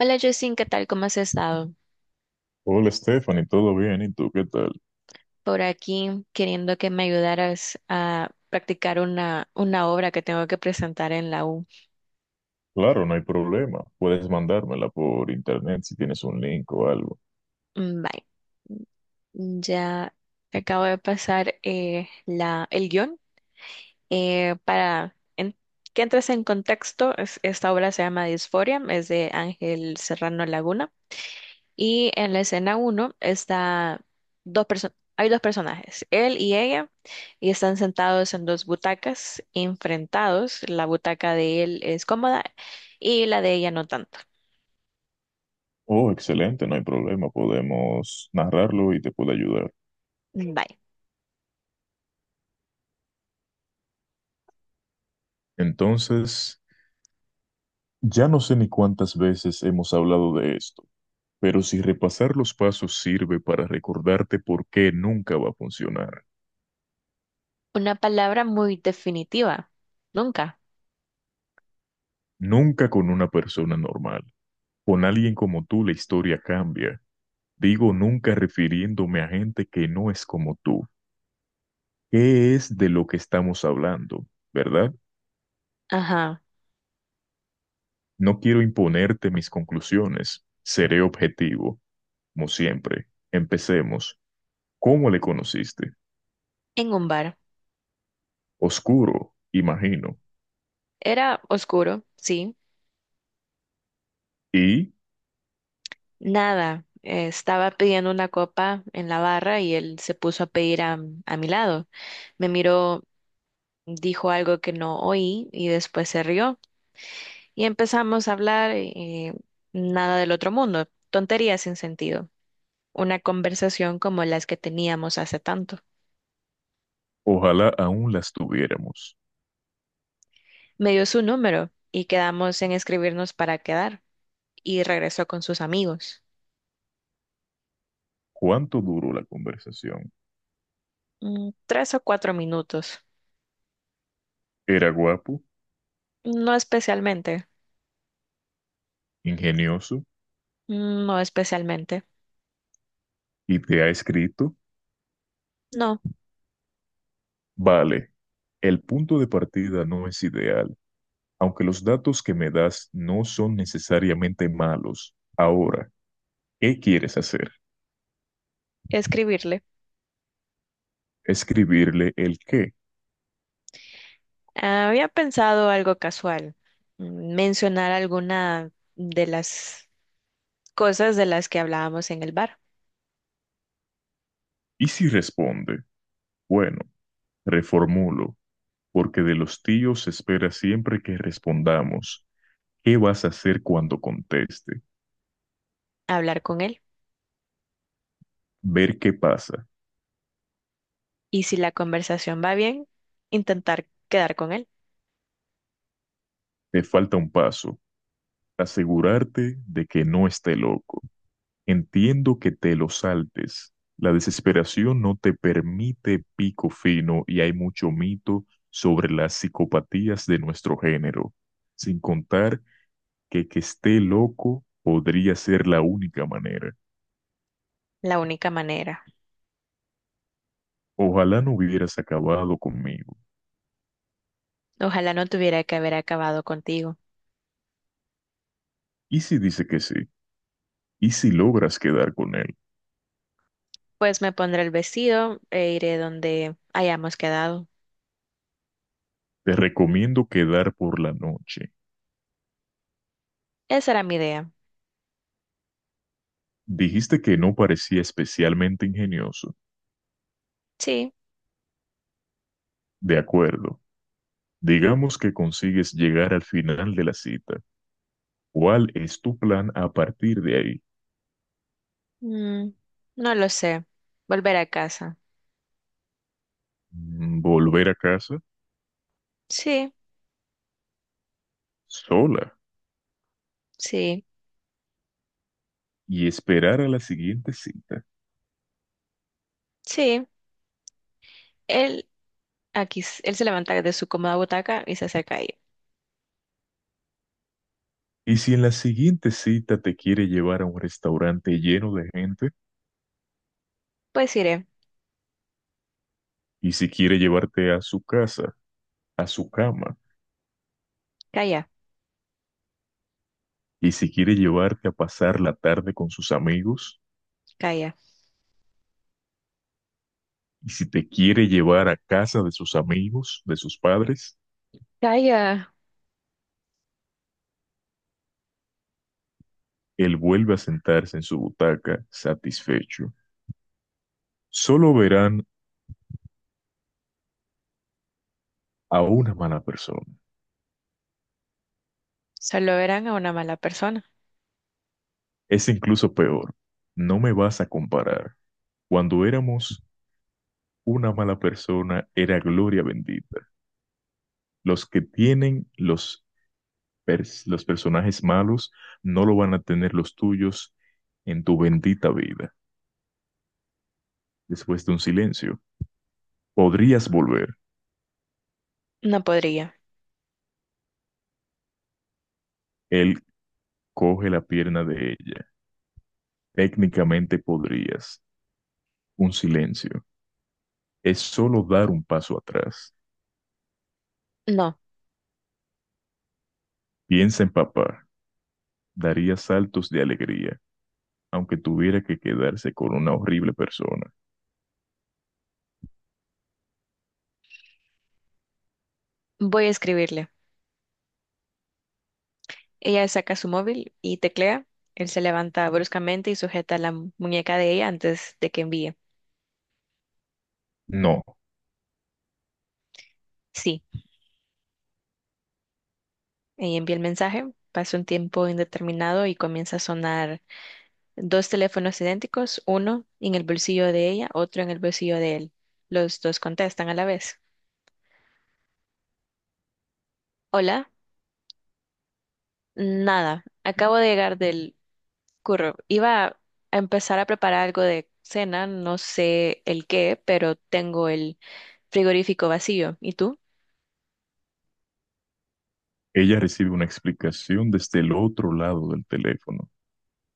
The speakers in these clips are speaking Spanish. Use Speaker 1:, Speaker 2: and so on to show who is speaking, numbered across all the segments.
Speaker 1: Hola Justin, ¿qué tal? ¿Cómo has estado?
Speaker 2: Hola Stephanie, ¿todo bien? ¿Y tú qué tal?
Speaker 1: Por aquí queriendo que me ayudaras a practicar una obra que tengo que presentar en la U.
Speaker 2: Claro, no hay problema. Puedes mandármela por internet si tienes un link o algo.
Speaker 1: Mm, bye. Ya te acabo de pasar el guión eh, para en- que entres en contexto. Esta obra se llama Disforia, es de Ángel Serrano Laguna. Y en la escena uno está hay dos personajes, él y ella, y están sentados en dos butacas, enfrentados. La butaca de él es cómoda y la de ella no tanto.
Speaker 2: Oh, excelente, no hay problema. Podemos narrarlo y te puedo ayudar.
Speaker 1: Mm, bye.
Speaker 2: Entonces, ya no sé ni cuántas veces hemos hablado de esto, pero si repasar los pasos sirve para recordarte por qué nunca va a funcionar.
Speaker 1: Una palabra muy definitiva. Nunca.
Speaker 2: Nunca con una persona normal. Con alguien como tú la historia cambia. Digo nunca refiriéndome a gente que no es como tú. ¿Qué es de lo que estamos hablando, verdad?
Speaker 1: Ajá.
Speaker 2: No quiero imponerte mis conclusiones. Seré objetivo, como siempre. Empecemos. ¿Cómo le conociste?
Speaker 1: En un bar.
Speaker 2: Oscuro, imagino.
Speaker 1: Era oscuro, sí.
Speaker 2: Y
Speaker 1: Nada. Estaba pidiendo una copa en la barra y él se puso a pedir a mi lado. Me miró, dijo algo que no oí y después se rió. Y empezamos a hablar nada del otro mundo, tonterías sin sentido, una conversación como las que teníamos hace tanto.
Speaker 2: ojalá aún las tuviéramos.
Speaker 1: Me dio su número y quedamos en escribirnos para quedar y regresó con sus amigos.
Speaker 2: ¿Cuánto duró la conversación?
Speaker 1: Tres o cuatro minutos.
Speaker 2: ¿Era guapo,
Speaker 1: No especialmente,
Speaker 2: ingenioso
Speaker 1: no especialmente.
Speaker 2: y te ha escrito?
Speaker 1: No,
Speaker 2: Vale, el punto de partida no es ideal, aunque los datos que me das no son necesariamente malos. Ahora, ¿qué quieres hacer?
Speaker 1: escribirle.
Speaker 2: Escribirle el qué.
Speaker 1: Había pensado algo casual, mencionar alguna de las cosas de las que hablábamos en el bar,
Speaker 2: Y si responde, bueno, reformulo, porque de los tíos se espera siempre que respondamos. ¿Qué vas a hacer cuando conteste?
Speaker 1: hablar con él.
Speaker 2: Ver qué pasa.
Speaker 1: Y si la conversación va bien, intentar quedar con él.
Speaker 2: Te falta un paso. Asegurarte de que no esté loco. Entiendo que te lo saltes. La desesperación no te permite pico fino y hay mucho mito sobre las psicopatías de nuestro género, sin contar que esté loco podría ser la única manera.
Speaker 1: La única manera.
Speaker 2: Ojalá no hubieras acabado conmigo.
Speaker 1: Ojalá no tuviera que haber acabado contigo.
Speaker 2: ¿Y si dice que sí? ¿Y si logras quedar con él?
Speaker 1: Pues me pondré el vestido e iré donde hayamos quedado.
Speaker 2: Te recomiendo quedar por la noche.
Speaker 1: Esa era mi idea.
Speaker 2: Dijiste que no parecía especialmente ingenioso.
Speaker 1: Sí.
Speaker 2: De acuerdo. Digamos que consigues llegar al final de la cita. ¿Cuál es tu plan a partir de ahí?
Speaker 1: mm, no lo sé. Volver a casa.
Speaker 2: ¿Volver a casa
Speaker 1: Sí,
Speaker 2: sola
Speaker 1: sí,
Speaker 2: y esperar a la siguiente cita?
Speaker 1: sí. Él aquí, él se levanta de su cómoda butaca y se acerca a ella.
Speaker 2: Y si en la siguiente cita te quiere llevar a un restaurante lleno de gente,
Speaker 1: Pues iré.
Speaker 2: y si quiere llevarte a su casa, a su cama,
Speaker 1: Calla,
Speaker 2: y si quiere llevarte a pasar la tarde con sus amigos,
Speaker 1: calla,
Speaker 2: y si te quiere llevar a casa de sus amigos, de sus padres,
Speaker 1: calla.
Speaker 2: él vuelve a sentarse en su butaca satisfecho. Solo verán a una mala persona.
Speaker 1: Solo verán a una mala persona.
Speaker 2: Es incluso peor. No me vas a comparar. Cuando éramos una mala persona era gloria bendita. Los que tienen los, los personajes malos no lo van a tener los tuyos en tu bendita vida. Después de un silencio, podrías volver.
Speaker 1: No podría.
Speaker 2: Él coge la pierna de ella. Técnicamente podrías. Un silencio. Es solo dar un paso atrás.
Speaker 1: No.
Speaker 2: Piensa en papá. Daría saltos de alegría, aunque tuviera que quedarse con una horrible persona.
Speaker 1: Voy a escribirle. Ella saca su móvil y teclea. Él se levanta bruscamente y sujeta la muñeca de ella antes de que envíe.
Speaker 2: No.
Speaker 1: Sí, ella envía el mensaje. Pasa un tiempo indeterminado y comienza a sonar dos teléfonos idénticos, uno en el bolsillo de ella, otro en el bolsillo de él. Los dos contestan a la vez. Hola, nada, acabo de llegar del curro. Iba a empezar a preparar algo de cena, no sé el qué, pero tengo el frigorífico vacío. ¿Y tú?
Speaker 2: Ella recibe una explicación desde el otro lado del teléfono.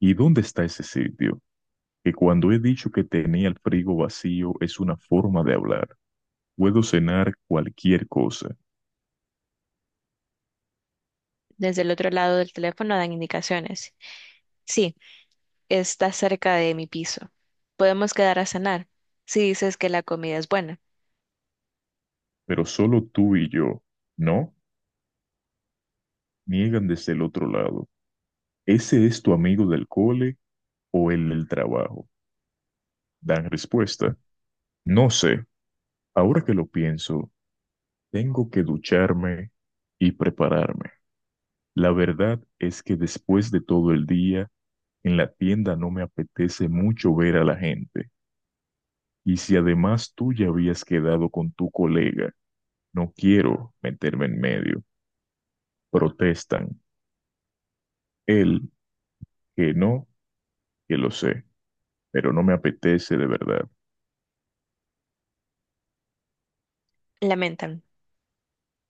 Speaker 2: ¿Y dónde está ese sitio? Que cuando he dicho que tenía el frigo vacío es una forma de hablar. Puedo cenar cualquier cosa,
Speaker 1: Desde el otro lado del teléfono dan indicaciones. Sí, está cerca de mi piso. Podemos quedar a cenar si dices que la comida es buena.
Speaker 2: pero solo tú y yo, ¿no? Niegan desde el otro lado. ¿Ese es tu amigo del cole o el del trabajo? Dan respuesta. No sé. Ahora que lo pienso, tengo que ducharme y prepararme. La verdad es que después de todo el día, en la tienda no me apetece mucho ver a la gente. Y si además tú ya habías quedado con tu colega, no quiero meterme en medio. Protestan. Él, que no, que lo sé, pero no me apetece de verdad.
Speaker 1: Lamentan.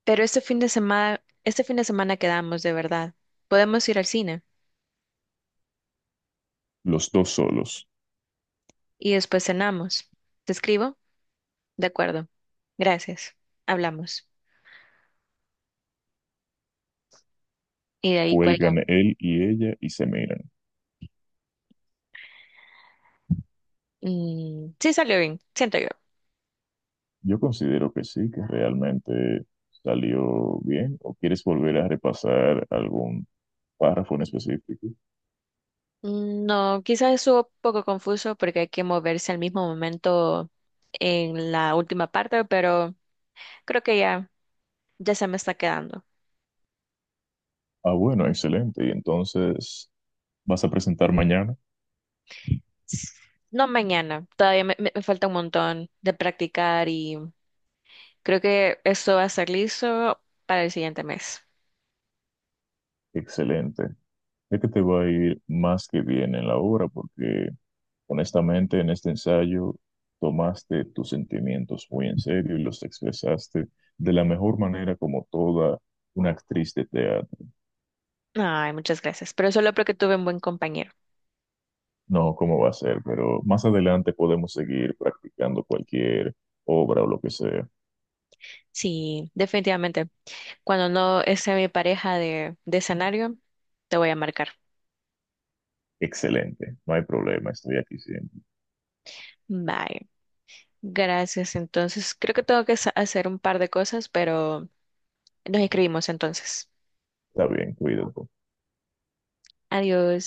Speaker 1: Pero este fin de semana, este fin de semana quedamos de verdad. Podemos ir al cine
Speaker 2: Los dos solos.
Speaker 1: y después cenamos. ¿Te escribo? De acuerdo. Gracias. Hablamos. Y de ahí cuelgan.
Speaker 2: Cuelgan él y ella y se miran.
Speaker 1: Sí salió bien, siento yo.
Speaker 2: Yo considero que sí, que realmente salió bien. ¿O quieres volver a repasar algún párrafo en específico?
Speaker 1: Mm, no, quizás estuvo un poco confuso porque hay que moverse al mismo momento en la última parte, pero creo que ya se me está quedando.
Speaker 2: Ah, bueno, excelente. Y entonces, ¿vas a presentar mañana?
Speaker 1: No mañana, todavía me falta un montón de practicar y creo que esto va a estar listo para el siguiente mes.
Speaker 2: Excelente. Es que te va a ir más que bien en la obra porque honestamente en este ensayo tomaste tus sentimientos muy en serio y los expresaste de la mejor manera como toda una actriz de teatro.
Speaker 1: Ay, muchas gracias, pero solo porque tuve un buen compañero.
Speaker 2: No, cómo va a ser, pero más adelante podemos seguir practicando cualquier obra o lo que sea.
Speaker 1: Sí, definitivamente. Cuando no esté mi pareja de escenario, te voy a marcar.
Speaker 2: Excelente, no hay problema, estoy aquí siempre.
Speaker 1: Bye. Gracias. Entonces, creo que tengo que hacer un par de cosas, pero nos escribimos entonces.
Speaker 2: Está bien, cuídate.
Speaker 1: Adiós.